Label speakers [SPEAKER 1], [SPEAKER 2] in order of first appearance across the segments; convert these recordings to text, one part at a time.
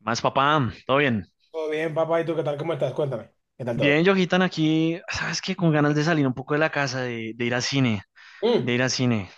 [SPEAKER 1] Más papá, todo bien.
[SPEAKER 2] Todo bien, papá. ¿Y tú qué tal? ¿Cómo estás? Cuéntame. ¿Qué tal todo?
[SPEAKER 1] Bien, yojitan aquí, ¿sabes qué? Con ganas de salir un poco de la casa, de ir al cine, de
[SPEAKER 2] Mm.
[SPEAKER 1] ir al cine.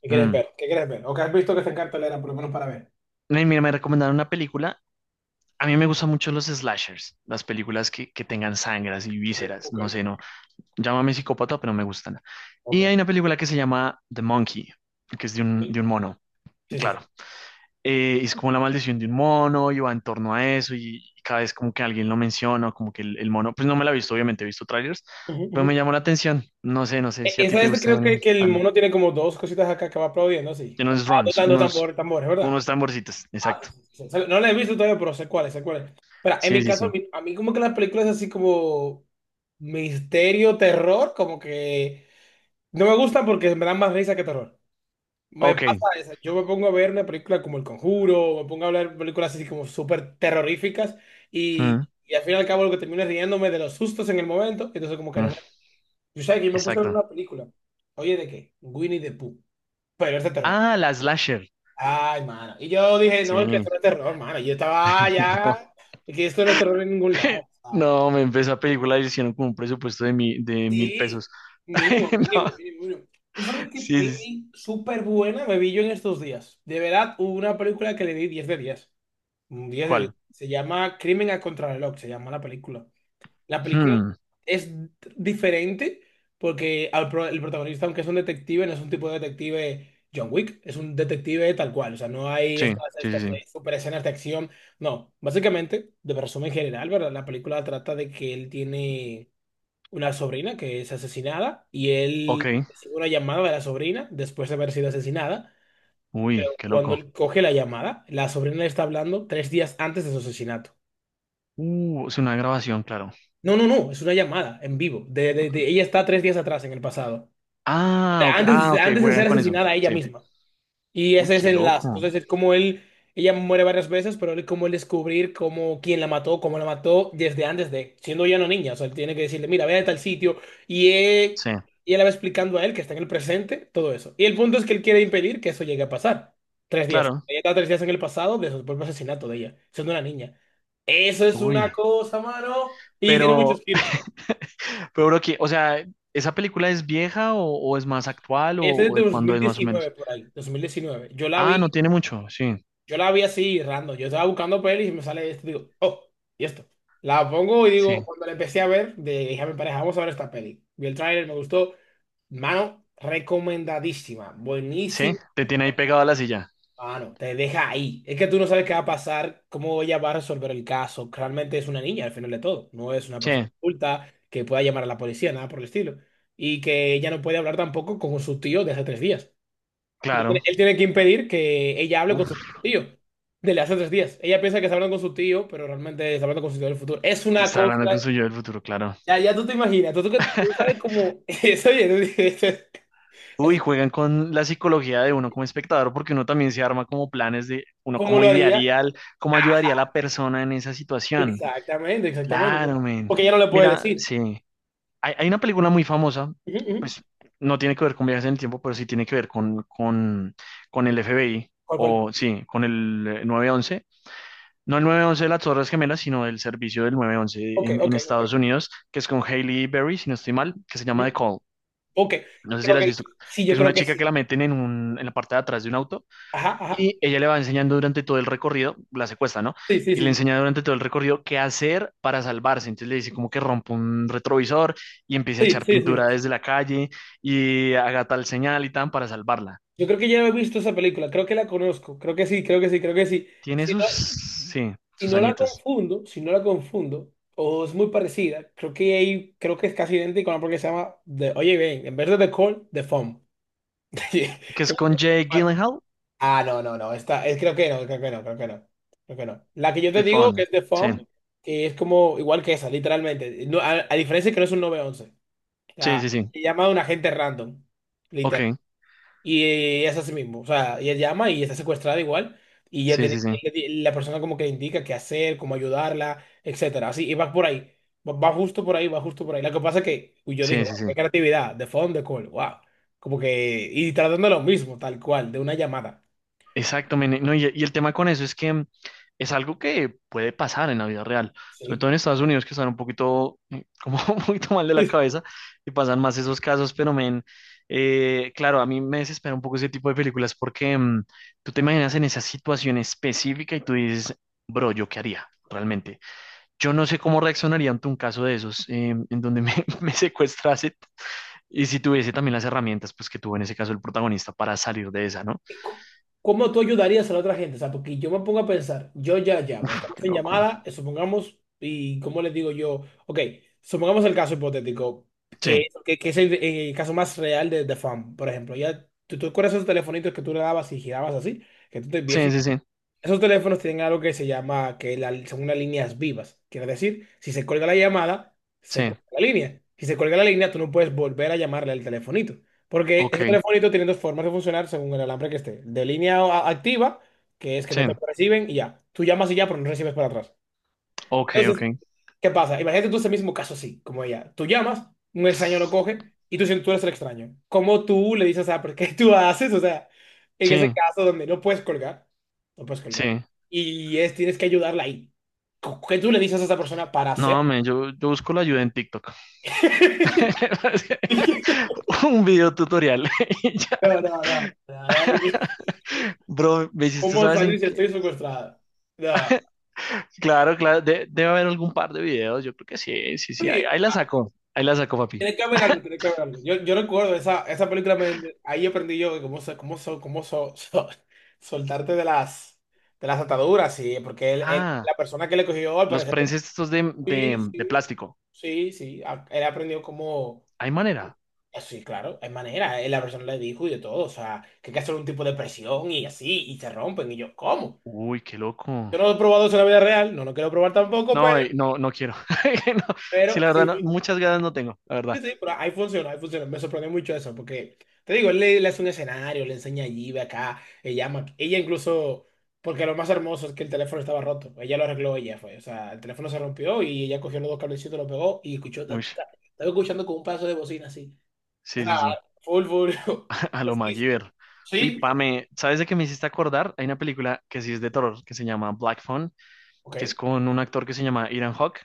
[SPEAKER 2] ¿Qué quieres
[SPEAKER 1] Mm.
[SPEAKER 2] ver? ¿Qué quieres ver? ¿O qué has visto que está en cartelera, por lo menos para ver?
[SPEAKER 1] Mira, me recomendaron una película. A mí me gustan mucho los slashers, las películas que tengan sangras y
[SPEAKER 2] Ok,
[SPEAKER 1] vísceras.
[SPEAKER 2] ok,
[SPEAKER 1] No sé, no. Llámame psicópata, pero me gustan. Y
[SPEAKER 2] ok.
[SPEAKER 1] hay una película que se llama The Monkey, que es de un,
[SPEAKER 2] Sí,
[SPEAKER 1] de un mono.
[SPEAKER 2] sí, sí.
[SPEAKER 1] Claro,
[SPEAKER 2] sí.
[SPEAKER 1] es como la maldición de un mono y va en torno a eso y cada vez como que alguien lo menciona, o como que el mono, pues no me la he visto, obviamente he visto trailers,
[SPEAKER 2] Ujú,
[SPEAKER 1] pero
[SPEAKER 2] ujú.
[SPEAKER 1] me llamó la atención. No sé, no sé si a ti
[SPEAKER 2] Esa
[SPEAKER 1] te
[SPEAKER 2] es, creo
[SPEAKER 1] gusten
[SPEAKER 2] que el
[SPEAKER 1] tan,
[SPEAKER 2] mono tiene como dos cositas acá que va aplaudiendo, sí.
[SPEAKER 1] unos
[SPEAKER 2] Ah,
[SPEAKER 1] drums,
[SPEAKER 2] tocando
[SPEAKER 1] unos,
[SPEAKER 2] tambores, ¿verdad?
[SPEAKER 1] unos tamborcitos,
[SPEAKER 2] Ah,
[SPEAKER 1] exacto.
[SPEAKER 2] sí, sí. No la he visto todavía, pero sé cuáles, sé cuáles. Pero en
[SPEAKER 1] Sí,
[SPEAKER 2] mi
[SPEAKER 1] sí,
[SPEAKER 2] caso,
[SPEAKER 1] sí.
[SPEAKER 2] a mí como que las películas así como misterio, terror, como que no me gustan porque me dan más risa que terror. Me
[SPEAKER 1] Ok.
[SPEAKER 2] pasa eso. Yo me pongo a ver una película como El Conjuro, me pongo a ver películas así como súper terroríficas
[SPEAKER 1] Mm,
[SPEAKER 2] y al fin y al cabo lo que termino es riéndome de los sustos en el momento, entonces como que no
[SPEAKER 1] mm,
[SPEAKER 2] me... Yo sabes que yo me puse a ver
[SPEAKER 1] exacto.
[SPEAKER 2] una película, oye, ¿de qué? Winnie the Pooh, pero es de terror.
[SPEAKER 1] Ah, la slasher.
[SPEAKER 2] Ay, mano. Y yo dije, no, es que
[SPEAKER 1] Sí.
[SPEAKER 2] esto no es terror, mano. Yo estaba ah,
[SPEAKER 1] No,
[SPEAKER 2] ya, es que esto no es terror en ningún lado. Ah,
[SPEAKER 1] no, me empezó a película y hicieron como un presupuesto de mil
[SPEAKER 2] sí,
[SPEAKER 1] pesos.
[SPEAKER 2] mínimo,
[SPEAKER 1] No,
[SPEAKER 2] mínimo, mínimo, mínimo. ¿Tú sabes qué
[SPEAKER 1] sí, sí, sí.
[SPEAKER 2] peli súper buena me vi yo en estos días? De verdad, hubo una película que le di 10 de diez. Un 10 de 10.
[SPEAKER 1] ¿Cuál?
[SPEAKER 2] Se llama Crimen a Contrarreloj, se llama la película. La película
[SPEAKER 1] Hmm,
[SPEAKER 2] es diferente porque el protagonista, aunque es un detective, no es un tipo de detective John Wick, es un detective tal cual. O sea, no hay
[SPEAKER 1] sí, sí, sí,
[SPEAKER 2] estas
[SPEAKER 1] sí.
[SPEAKER 2] super escenas de acción. No, básicamente, de resumen general, ¿verdad? La película trata de que él tiene una sobrina que es asesinada y él
[SPEAKER 1] Ok.
[SPEAKER 2] recibe una llamada de la sobrina después de haber sido asesinada.
[SPEAKER 1] Uy, qué
[SPEAKER 2] Cuando
[SPEAKER 1] loco.
[SPEAKER 2] él coge la llamada, la sobrina le está hablando tres días antes de su asesinato.
[SPEAKER 1] Es una grabación, claro.
[SPEAKER 2] No, no, no, es una llamada en vivo. Ella está tres días atrás en el pasado.
[SPEAKER 1] Ah, ok, ah,
[SPEAKER 2] Antes,
[SPEAKER 1] ok,
[SPEAKER 2] antes de
[SPEAKER 1] juegan
[SPEAKER 2] ser
[SPEAKER 1] con eso.
[SPEAKER 2] asesinada ella
[SPEAKER 1] Sí.
[SPEAKER 2] misma. Y
[SPEAKER 1] Uy,
[SPEAKER 2] ese es
[SPEAKER 1] qué
[SPEAKER 2] el enlace.
[SPEAKER 1] loco.
[SPEAKER 2] Entonces, es como él, ella muere varias veces, pero él como él descubrir cómo, quién la mató, cómo la mató desde antes de, siendo ya una niña. O sea, él tiene que decirle, mira, ve a tal sitio. Y él,
[SPEAKER 1] Sí,
[SPEAKER 2] y él le va explicando a él que está en el presente, todo eso. Y el punto es que él quiere impedir que eso llegue a pasar. Tres días.
[SPEAKER 1] claro.
[SPEAKER 2] Ella está tres días en el pasado de el propio asesinato de ella, siendo una niña. Eso es una
[SPEAKER 1] Uy,
[SPEAKER 2] cosa, mano. Y tiene muchos
[SPEAKER 1] pero,
[SPEAKER 2] giros.
[SPEAKER 1] pero bro, que, o sea, ¿esa película es vieja o es más actual o,
[SPEAKER 2] Esa es
[SPEAKER 1] o
[SPEAKER 2] de
[SPEAKER 1] de cuándo es más o
[SPEAKER 2] 2019
[SPEAKER 1] menos?
[SPEAKER 2] por ahí, 2019.
[SPEAKER 1] Ah, no tiene mucho, sí,
[SPEAKER 2] Yo la vi así random. Yo estaba buscando pelis y me sale esto, digo, oh, y esto. La pongo y
[SPEAKER 1] sí,
[SPEAKER 2] digo, cuando la empecé a ver, dije a mi pareja, vamos a ver esta peli. Vi el tráiler, me gustó. Mano, recomendadísima,
[SPEAKER 1] sí,
[SPEAKER 2] buenísima.
[SPEAKER 1] te tiene ahí pegado a la silla.
[SPEAKER 2] Mano, te deja ahí. Es que tú no sabes qué va a pasar, cómo ella va a resolver el caso. Realmente es una niña al final de todo. No es una
[SPEAKER 1] Sí,
[SPEAKER 2] persona adulta que pueda llamar a la policía, nada por el estilo. Y que ella no puede hablar tampoco con su tío de hace tres días. Y él
[SPEAKER 1] claro.
[SPEAKER 2] él tiene que impedir que ella hable con su
[SPEAKER 1] Uf,
[SPEAKER 2] tío, desde hace tres días. Ella piensa que está hablando con su tío, pero realmente está hablando con su tío del futuro. Es una
[SPEAKER 1] está hablando con
[SPEAKER 2] cosa,
[SPEAKER 1] su yo del futuro, claro.
[SPEAKER 2] ya, ya tú te imaginas, tú sabes cómo, eso, oye, tú dices, eso-
[SPEAKER 1] Uy,
[SPEAKER 2] eso,
[SPEAKER 1] juegan con la psicología de uno como espectador, porque uno también se arma como planes de uno
[SPEAKER 2] cómo
[SPEAKER 1] cómo
[SPEAKER 2] lo haría.
[SPEAKER 1] idearía, cómo ayudaría a la persona en esa situación.
[SPEAKER 2] Exactamente, exactamente.
[SPEAKER 1] Claro, men.
[SPEAKER 2] Porque ella no le puede
[SPEAKER 1] Mira,
[SPEAKER 2] decir.
[SPEAKER 1] sí. Hay una película muy famosa,
[SPEAKER 2] Ujú, ujú.
[SPEAKER 1] pues no tiene que ver con viajes en el tiempo, pero sí tiene que ver con, el FBI,
[SPEAKER 2] ¿Cuál, cuál?
[SPEAKER 1] o sí, con el 911. No el 911 de las Torres Gemelas, sino el servicio del 911 en, en
[SPEAKER 2] Ok.
[SPEAKER 1] Estados Unidos, que es con Hailey Berry, si no estoy mal, que se llama The
[SPEAKER 2] Ujú.
[SPEAKER 1] Call.
[SPEAKER 2] Ok,
[SPEAKER 1] No sé si
[SPEAKER 2] creo
[SPEAKER 1] la has visto,
[SPEAKER 2] que sí, yo
[SPEAKER 1] que es
[SPEAKER 2] creo
[SPEAKER 1] una
[SPEAKER 2] que
[SPEAKER 1] chica que
[SPEAKER 2] sí.
[SPEAKER 1] la meten en la parte de atrás de un auto
[SPEAKER 2] Ajá, ajá.
[SPEAKER 1] y ella le va enseñando durante todo el recorrido, la secuestra, ¿no?
[SPEAKER 2] Sí, sí,
[SPEAKER 1] Y le
[SPEAKER 2] sí.
[SPEAKER 1] enseña durante todo el recorrido qué hacer para salvarse. Entonces le dice como que rompa un retrovisor y empiece a
[SPEAKER 2] Sí,
[SPEAKER 1] echar
[SPEAKER 2] sí, sí. sí.
[SPEAKER 1] pintura desde la calle y haga tal señal y tan para salvarla.
[SPEAKER 2] Yo creo que ya he visto esa película, creo que la conozco, creo que sí, creo que sí, creo que sí.
[SPEAKER 1] Tiene
[SPEAKER 2] Si
[SPEAKER 1] sus,
[SPEAKER 2] no,
[SPEAKER 1] sí,
[SPEAKER 2] si
[SPEAKER 1] sus
[SPEAKER 2] no la
[SPEAKER 1] añitos.
[SPEAKER 2] confundo, si no la confundo, o es muy parecida, creo que ahí, creo que es casi idéntico a una porque se llama Oye bien, en vez de The Call, The Phone. Que-
[SPEAKER 1] Que es con Jake Gyllenhaal
[SPEAKER 2] Ah, no, no, no, esta, es, creo que no, creo que no, creo que no, creo que no. La que yo te
[SPEAKER 1] de
[SPEAKER 2] digo
[SPEAKER 1] Fawn.
[SPEAKER 2] que es The Phone,
[SPEAKER 1] Sí,
[SPEAKER 2] sí, que es como igual que esa, literalmente. No, a diferencia que no es un 911. O
[SPEAKER 1] sí,
[SPEAKER 2] sea,
[SPEAKER 1] sí, sí.
[SPEAKER 2] se llama a un agente random,
[SPEAKER 1] Ok,
[SPEAKER 2] y es así mismo, o sea, ella llama y está secuestrada igual, y ya
[SPEAKER 1] sí, sí,
[SPEAKER 2] tiene,
[SPEAKER 1] sí.
[SPEAKER 2] la persona como que le indica qué hacer, cómo ayudarla, etcétera, así, y va por ahí, va, va justo por ahí, va justo por ahí. Lo que pasa es que uy, yo dije,
[SPEAKER 1] Sí, sí,
[SPEAKER 2] wow,
[SPEAKER 1] sí.
[SPEAKER 2] qué creatividad, de phone de call, wow, como que, y tratando lo mismo, tal cual, de una llamada,
[SPEAKER 1] Exacto, men. No, y el tema con eso es que es algo que puede pasar en la vida real, sobre
[SPEAKER 2] ¿sí?
[SPEAKER 1] todo en Estados Unidos que están un poquito, como un poquito mal de la cabeza y pasan más esos casos, pero men, claro, a mí me desespera un poco ese tipo de películas porque tú te imaginas en esa situación específica y tú dices, bro, ¿yo qué haría? Realmente, yo no sé cómo reaccionaría ante un caso de esos en donde me, me secuestrase y si tuviese también las herramientas pues que tuvo en ese caso el protagonista para salir de esa, ¿no?
[SPEAKER 2] ¿Cómo tú ayudarías a la otra gente? O sea, porque yo me pongo a pensar, yo ya llamo,
[SPEAKER 1] Uf,
[SPEAKER 2] estamos
[SPEAKER 1] qué
[SPEAKER 2] en
[SPEAKER 1] loco.
[SPEAKER 2] llamada, supongamos, y cómo les digo yo, ok, supongamos el caso hipotético,
[SPEAKER 1] Sí.
[SPEAKER 2] que es el caso más real de Fan, por ejemplo, ya, ¿tú, tú recuerdas esos telefonitos que tú le dabas y girabas así? Que tú te
[SPEAKER 1] Sí,
[SPEAKER 2] viejito
[SPEAKER 1] sí, sí,
[SPEAKER 2] esos teléfonos tienen algo que se llama, que la, son unas líneas vivas. Quiere decir, si se cuelga la llamada, se
[SPEAKER 1] sí,
[SPEAKER 2] cuelga la línea. Si se cuelga la línea, tú no puedes volver a llamarle al telefonito. Porque esos
[SPEAKER 1] ok,
[SPEAKER 2] telefonitos tienen dos formas de funcionar según el alambre que esté. Activa, que es que
[SPEAKER 1] sí,
[SPEAKER 2] no te reciben y ya. Tú llamas y ya, pero no recibes para atrás.
[SPEAKER 1] ok, ok,
[SPEAKER 2] Entonces, ¿qué pasa? Imagínate tú ese mismo caso así, como ella. Tú llamas, un extraño lo coge y tú sientes tú eres el extraño. ¿Cómo tú le dices, ah, pero qué tú haces? O sea, en ese
[SPEAKER 1] sí,
[SPEAKER 2] caso donde no puedes colgar, no puedes colgar.
[SPEAKER 1] sí.
[SPEAKER 2] Y es, tienes que ayudarla ahí. ¿Qué tú le dices a esa persona para hacer?
[SPEAKER 1] No, men, yo busco la ayuda en TikTok. Un video tutorial. Y ya.
[SPEAKER 2] No, no, no, no.
[SPEAKER 1] Bro, me hiciste,
[SPEAKER 2] ¿Cómo
[SPEAKER 1] ¿sabes en
[SPEAKER 2] salir si
[SPEAKER 1] qué?
[SPEAKER 2] estoy secuestrada? No.
[SPEAKER 1] Claro, claro, debe haber algún par de videos. Yo creo que sí, sí, sí. Ahí,
[SPEAKER 2] Sí,
[SPEAKER 1] ahí la saco, ahí la saco, papi.
[SPEAKER 2] tiene que haber algo, tiene que haber algo. Yo recuerdo esa, esa película, ahí aprendí yo de cómo, soltarte de las ataduras, sí, porque él,
[SPEAKER 1] Ah,
[SPEAKER 2] la persona que le cogió al
[SPEAKER 1] los
[SPEAKER 2] parecer tenía-
[SPEAKER 1] prenses estos de, de,
[SPEAKER 2] Sí,
[SPEAKER 1] de
[SPEAKER 2] sí,
[SPEAKER 1] plástico.
[SPEAKER 2] sí, sí, él aprendió cómo,
[SPEAKER 1] ¿Hay manera?
[SPEAKER 2] ah, sí, claro, hay manera, la persona le dijo y de todo, o sea, que hay que hacer un tipo de presión y así, y se rompen, y yo, ¿cómo?
[SPEAKER 1] Uy, qué loco.
[SPEAKER 2] Yo no lo he probado eso en la vida real, no lo quiero probar tampoco,
[SPEAKER 1] No, no, no quiero. No, sí,
[SPEAKER 2] pero
[SPEAKER 1] la verdad,
[SPEAKER 2] sí,
[SPEAKER 1] no,
[SPEAKER 2] sí,
[SPEAKER 1] muchas ganas no tengo, la verdad.
[SPEAKER 2] sí, sí, pero ahí funciona, ahí funciona. Me sorprendió mucho eso, porque te digo, le hace un escenario, le enseña allí, ve acá, ella llama. Ella incluso, porque lo más hermoso es que el teléfono estaba roto. Ella lo arregló, ella fue. O sea, el teléfono se rompió y ella cogió los dos cablecitos, lo pegó y escuchó. Ta,
[SPEAKER 1] Uy,
[SPEAKER 2] ta, ta. Estaba escuchando con un pedazo de bocina así. O
[SPEAKER 1] sí,
[SPEAKER 2] sea,
[SPEAKER 1] sí, sí.
[SPEAKER 2] full, full.
[SPEAKER 1] A lo
[SPEAKER 2] Pesquisa.
[SPEAKER 1] MacGyver. Uy,
[SPEAKER 2] Sí, tal-
[SPEAKER 1] Pame, ¿sabes de qué me hiciste acordar? Hay una película que sí es de terror, que se llama Black Phone,
[SPEAKER 2] ok,
[SPEAKER 1] que es con un actor que se llama Ethan Hawke,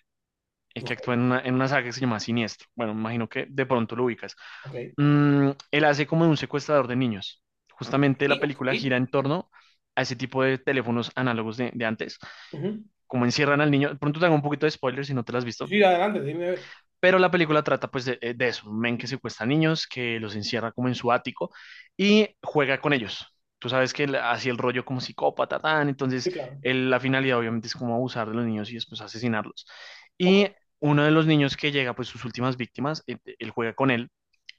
[SPEAKER 1] que actúa
[SPEAKER 2] ok,
[SPEAKER 1] en una saga que se llama Siniestro. Bueno, me imagino que de pronto lo ubicas.
[SPEAKER 2] ok,
[SPEAKER 1] Él hace como de un secuestrador de niños. Justamente la
[SPEAKER 2] y-
[SPEAKER 1] película
[SPEAKER 2] ok.
[SPEAKER 1] gira en torno a ese tipo de teléfonos análogos de antes.
[SPEAKER 2] Ujú.
[SPEAKER 1] Como encierran al niño. De pronto te hago un poquito de spoiler si no te las has
[SPEAKER 2] Sí,
[SPEAKER 1] visto
[SPEAKER 2] sí, adelante, dime. A ver.
[SPEAKER 1] pero la película trata pues de eso, un men que secuestra niños, que los encierra como en su ático y juega con ellos. Tú sabes que él hacía el rollo como psicópata, tan, entonces
[SPEAKER 2] Sí, claro.
[SPEAKER 1] la finalidad obviamente es como abusar de los niños y después asesinarlos.
[SPEAKER 2] Ok.
[SPEAKER 1] Y uno de los niños que llega, pues sus últimas víctimas, él juega con él,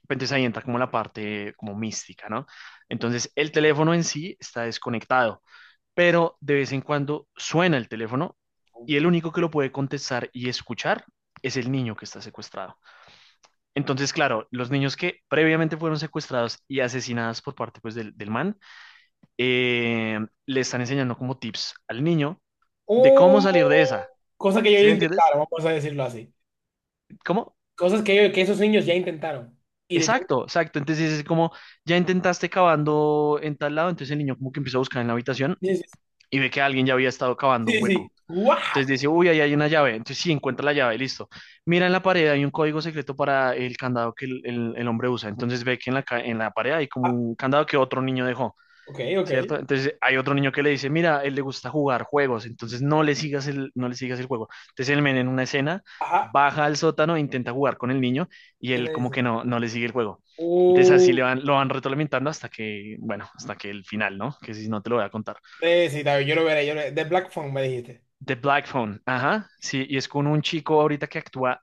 [SPEAKER 1] entonces ahí entra como la parte como mística, ¿no? Entonces el teléfono en sí está desconectado, pero de vez en cuando suena el teléfono y el único que lo puede contestar y escuchar es el niño que está secuestrado. Entonces, claro, los niños que previamente fueron secuestrados y asesinados por parte pues, del man, eh, le están enseñando como tips al niño de cómo salir de esa.
[SPEAKER 2] Oh, cosa que yo
[SPEAKER 1] ¿Sí
[SPEAKER 2] ya
[SPEAKER 1] me entiendes?
[SPEAKER 2] intentaron, vamos a decirlo así.
[SPEAKER 1] ¿Cómo?
[SPEAKER 2] Cosas que esos niños ya intentaron. Y de tanto
[SPEAKER 1] Exacto, exacto. Entonces es como, ya intentaste cavando en tal lado, entonces el niño como que empieza a buscar en la habitación
[SPEAKER 2] dices,
[SPEAKER 1] y ve que alguien ya había estado cavando un
[SPEAKER 2] sí, sí,
[SPEAKER 1] hueco.
[SPEAKER 2] ¡guau!
[SPEAKER 1] Entonces dice, uy, ahí hay una llave. Entonces sí, encuentra la llave, listo. Mira en la pared, hay un código secreto para el candado que el hombre usa. Entonces ve que en la pared hay como
[SPEAKER 2] Ah,
[SPEAKER 1] un candado que otro niño dejó.
[SPEAKER 2] ok,
[SPEAKER 1] ¿Cierto? Entonces hay otro niño que le dice, mira, a él le gusta jugar juegos, entonces no le sigas el, no le sigas el juego. Entonces el men en una escena
[SPEAKER 2] ajá.
[SPEAKER 1] baja al sótano, e intenta jugar con el niño y
[SPEAKER 2] Y
[SPEAKER 1] él
[SPEAKER 2] le
[SPEAKER 1] como
[SPEAKER 2] dices,
[SPEAKER 1] que no, no le sigue el juego. Entonces así
[SPEAKER 2] uh,
[SPEAKER 1] le van, lo van retroalimentando hasta que, bueno, hasta que el final, ¿no? Que si no te lo voy a contar.
[SPEAKER 2] sí, sí, está bien, yo lo veré, yo lo veré. The Black Phone me dijiste.
[SPEAKER 1] The Black Phone, ajá, sí, y es con un chico ahorita que actúa,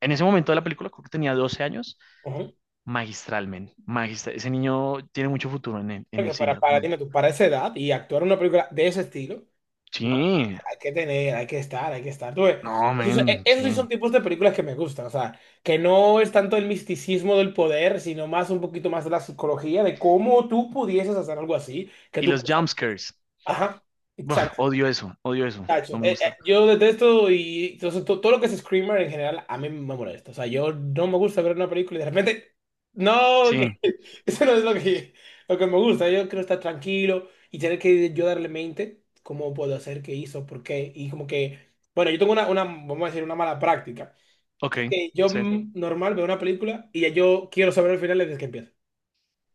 [SPEAKER 1] en ese momento de la película, creo que tenía 12 años,
[SPEAKER 2] Ujú.
[SPEAKER 1] magistral men magistral. Ese niño tiene mucho futuro en el
[SPEAKER 2] Porque
[SPEAKER 1] cine,
[SPEAKER 2] para, dime
[SPEAKER 1] realmente.
[SPEAKER 2] tú, para esa edad y actuar una película de ese estilo, mano,
[SPEAKER 1] Sí,
[SPEAKER 2] hay que tener, hay que estar, hay que estar. Tú ves,
[SPEAKER 1] no,
[SPEAKER 2] esos,
[SPEAKER 1] men,
[SPEAKER 2] esos sí son
[SPEAKER 1] sí.
[SPEAKER 2] tipos de películas que me gustan, o sea, que no es tanto el misticismo del poder, sino más un poquito más de la psicología, de cómo tú pudieses hacer algo así, que
[SPEAKER 1] Y
[SPEAKER 2] tú
[SPEAKER 1] los
[SPEAKER 2] pensarías.
[SPEAKER 1] jumpscares.
[SPEAKER 2] Ajá.
[SPEAKER 1] Buah,
[SPEAKER 2] Exacto.
[SPEAKER 1] odio eso, odio eso.
[SPEAKER 2] Cacho,
[SPEAKER 1] No me gusta.
[SPEAKER 2] yo detesto y entonces, todo lo que es screamer en general a mí me molesta. O sea, yo no me gusta ver una película y de repente, no,
[SPEAKER 1] Sí,
[SPEAKER 2] que eso no es lo que me gusta. Yo quiero estar tranquilo y tener que yo darle mente cómo puedo hacer, qué hizo, por qué. Y como que, bueno, yo tengo una, vamos a decir, una mala práctica.
[SPEAKER 1] ok,
[SPEAKER 2] Que es que yo
[SPEAKER 1] sí.
[SPEAKER 2] normal veo una película y ya yo quiero saber el final desde que empieza.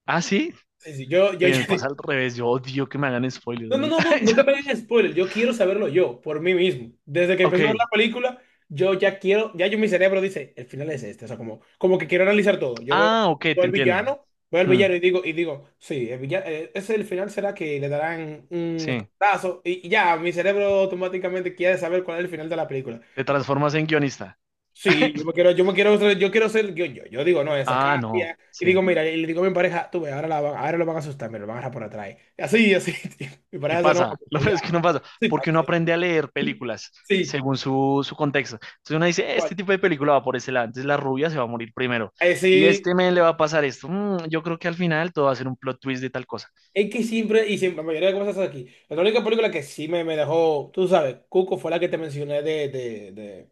[SPEAKER 1] Ah, sí.
[SPEAKER 2] Sí, sí, yo,
[SPEAKER 1] Bien, me pasa al revés. Yo odio que me hagan spoilers,
[SPEAKER 2] no, no,
[SPEAKER 1] men.
[SPEAKER 2] no, no, no que
[SPEAKER 1] Yo-
[SPEAKER 2] me hagan spoiler. Yo quiero saberlo yo, por mí mismo. Desde que empecé a ver
[SPEAKER 1] Ok.
[SPEAKER 2] la película, yo ya quiero, ya yo mi cerebro dice, el final es este. O sea, como, como que quiero analizar todo. Yo veo,
[SPEAKER 1] Ah, ok,
[SPEAKER 2] veo
[SPEAKER 1] te
[SPEAKER 2] al
[SPEAKER 1] entiendo.
[SPEAKER 2] villano,
[SPEAKER 1] Hmm,
[SPEAKER 2] y digo, sí, el villano, ese el final será que le darán un
[SPEAKER 1] sí.
[SPEAKER 2] escotazo. Y ya, mi cerebro automáticamente quiere saber cuál es el final de la película.
[SPEAKER 1] Te transformas en guionista.
[SPEAKER 2] Sí, yo quiero ser, yo digo, no, esa
[SPEAKER 1] Ah, no,
[SPEAKER 2] cambia. Y digo,
[SPEAKER 1] sí.
[SPEAKER 2] mira, y le digo a mi pareja, tú ves, ahora, ahora lo van a asustar, me lo van a agarrar por atrás. Y así, así. Tío. Mi
[SPEAKER 1] Y
[SPEAKER 2] pareja se enoja
[SPEAKER 1] pasa, lo
[SPEAKER 2] porque
[SPEAKER 1] peor
[SPEAKER 2] ya.
[SPEAKER 1] es que no pasa,
[SPEAKER 2] Sí,
[SPEAKER 1] porque uno
[SPEAKER 2] parce,
[SPEAKER 1] aprende a leer películas
[SPEAKER 2] sí,
[SPEAKER 1] según su contexto. Entonces uno
[SPEAKER 2] tal
[SPEAKER 1] dice, este
[SPEAKER 2] cual.
[SPEAKER 1] tipo de película va por ese lado, entonces la rubia se va a morir primero. Y este
[SPEAKER 2] Sí,
[SPEAKER 1] men le va a pasar esto. Yo creo que al final todo va a ser un plot twist de tal cosa.
[SPEAKER 2] es que siempre, y siempre, la mayoría de cosas aquí. La única película que sí me dejó, tú sabes, Cuco fue la que te mencioné de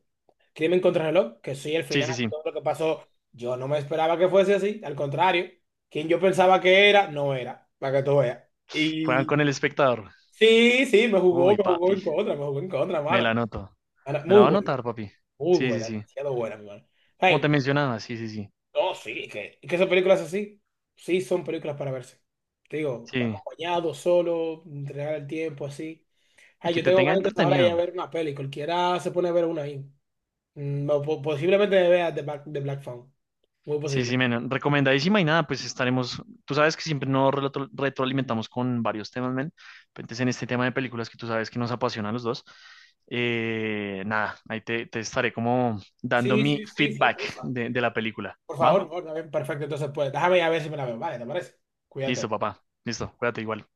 [SPEAKER 2] Crimen contra el reloj, que sí, el
[SPEAKER 1] Sí,
[SPEAKER 2] final,
[SPEAKER 1] sí, sí.
[SPEAKER 2] todo lo que pasó, yo no me esperaba que fuese así, al contrario, quien yo pensaba que era, no era, para que tú veas.
[SPEAKER 1] Juegan
[SPEAKER 2] Y
[SPEAKER 1] con el espectador.
[SPEAKER 2] sí, sí,
[SPEAKER 1] Uy,
[SPEAKER 2] me jugó
[SPEAKER 1] papi,
[SPEAKER 2] en contra, me jugó en contra,
[SPEAKER 1] me
[SPEAKER 2] mano.
[SPEAKER 1] la anoto.
[SPEAKER 2] Mano,
[SPEAKER 1] Me la va a anotar, papi.
[SPEAKER 2] muy
[SPEAKER 1] Sí, sí,
[SPEAKER 2] buena,
[SPEAKER 1] sí.
[SPEAKER 2] demasiado buena, mi mano.
[SPEAKER 1] Como
[SPEAKER 2] Ay,
[SPEAKER 1] te mencionaba, sí, sí, sí.
[SPEAKER 2] no, sí, que esas películas así, sí son películas para verse. Te digo,
[SPEAKER 1] Sí.
[SPEAKER 2] acompañado, solo, entregar el tiempo, así.
[SPEAKER 1] Y
[SPEAKER 2] Ay,
[SPEAKER 1] que
[SPEAKER 2] yo
[SPEAKER 1] te
[SPEAKER 2] tengo
[SPEAKER 1] tenga
[SPEAKER 2] ganas de ahora ir a
[SPEAKER 1] entretenido.
[SPEAKER 2] ver una peli, cualquiera se pone a ver una ahí. Mm, o posiblemente vea The Black, The Black Phone, muy
[SPEAKER 1] Sí,
[SPEAKER 2] posible.
[SPEAKER 1] sí, men. Recomendadísima y nada, pues estaremos. Tú sabes que siempre nos retroalimentamos con varios temas, men. Entonces, en este tema de películas que tú sabes que nos apasiona a los dos, nada, ahí te estaré como dando
[SPEAKER 2] Sí,
[SPEAKER 1] mi
[SPEAKER 2] sí, sí, sí,
[SPEAKER 1] feedback
[SPEAKER 2] porfa.
[SPEAKER 1] de la película. ¿Va?
[SPEAKER 2] Por favor, está bien, perfecto, entonces pues, déjame ir a ver si me la veo, vale, ¿te parece?
[SPEAKER 1] Listo,
[SPEAKER 2] Cuídate.
[SPEAKER 1] papá. Listo, cuídate igual.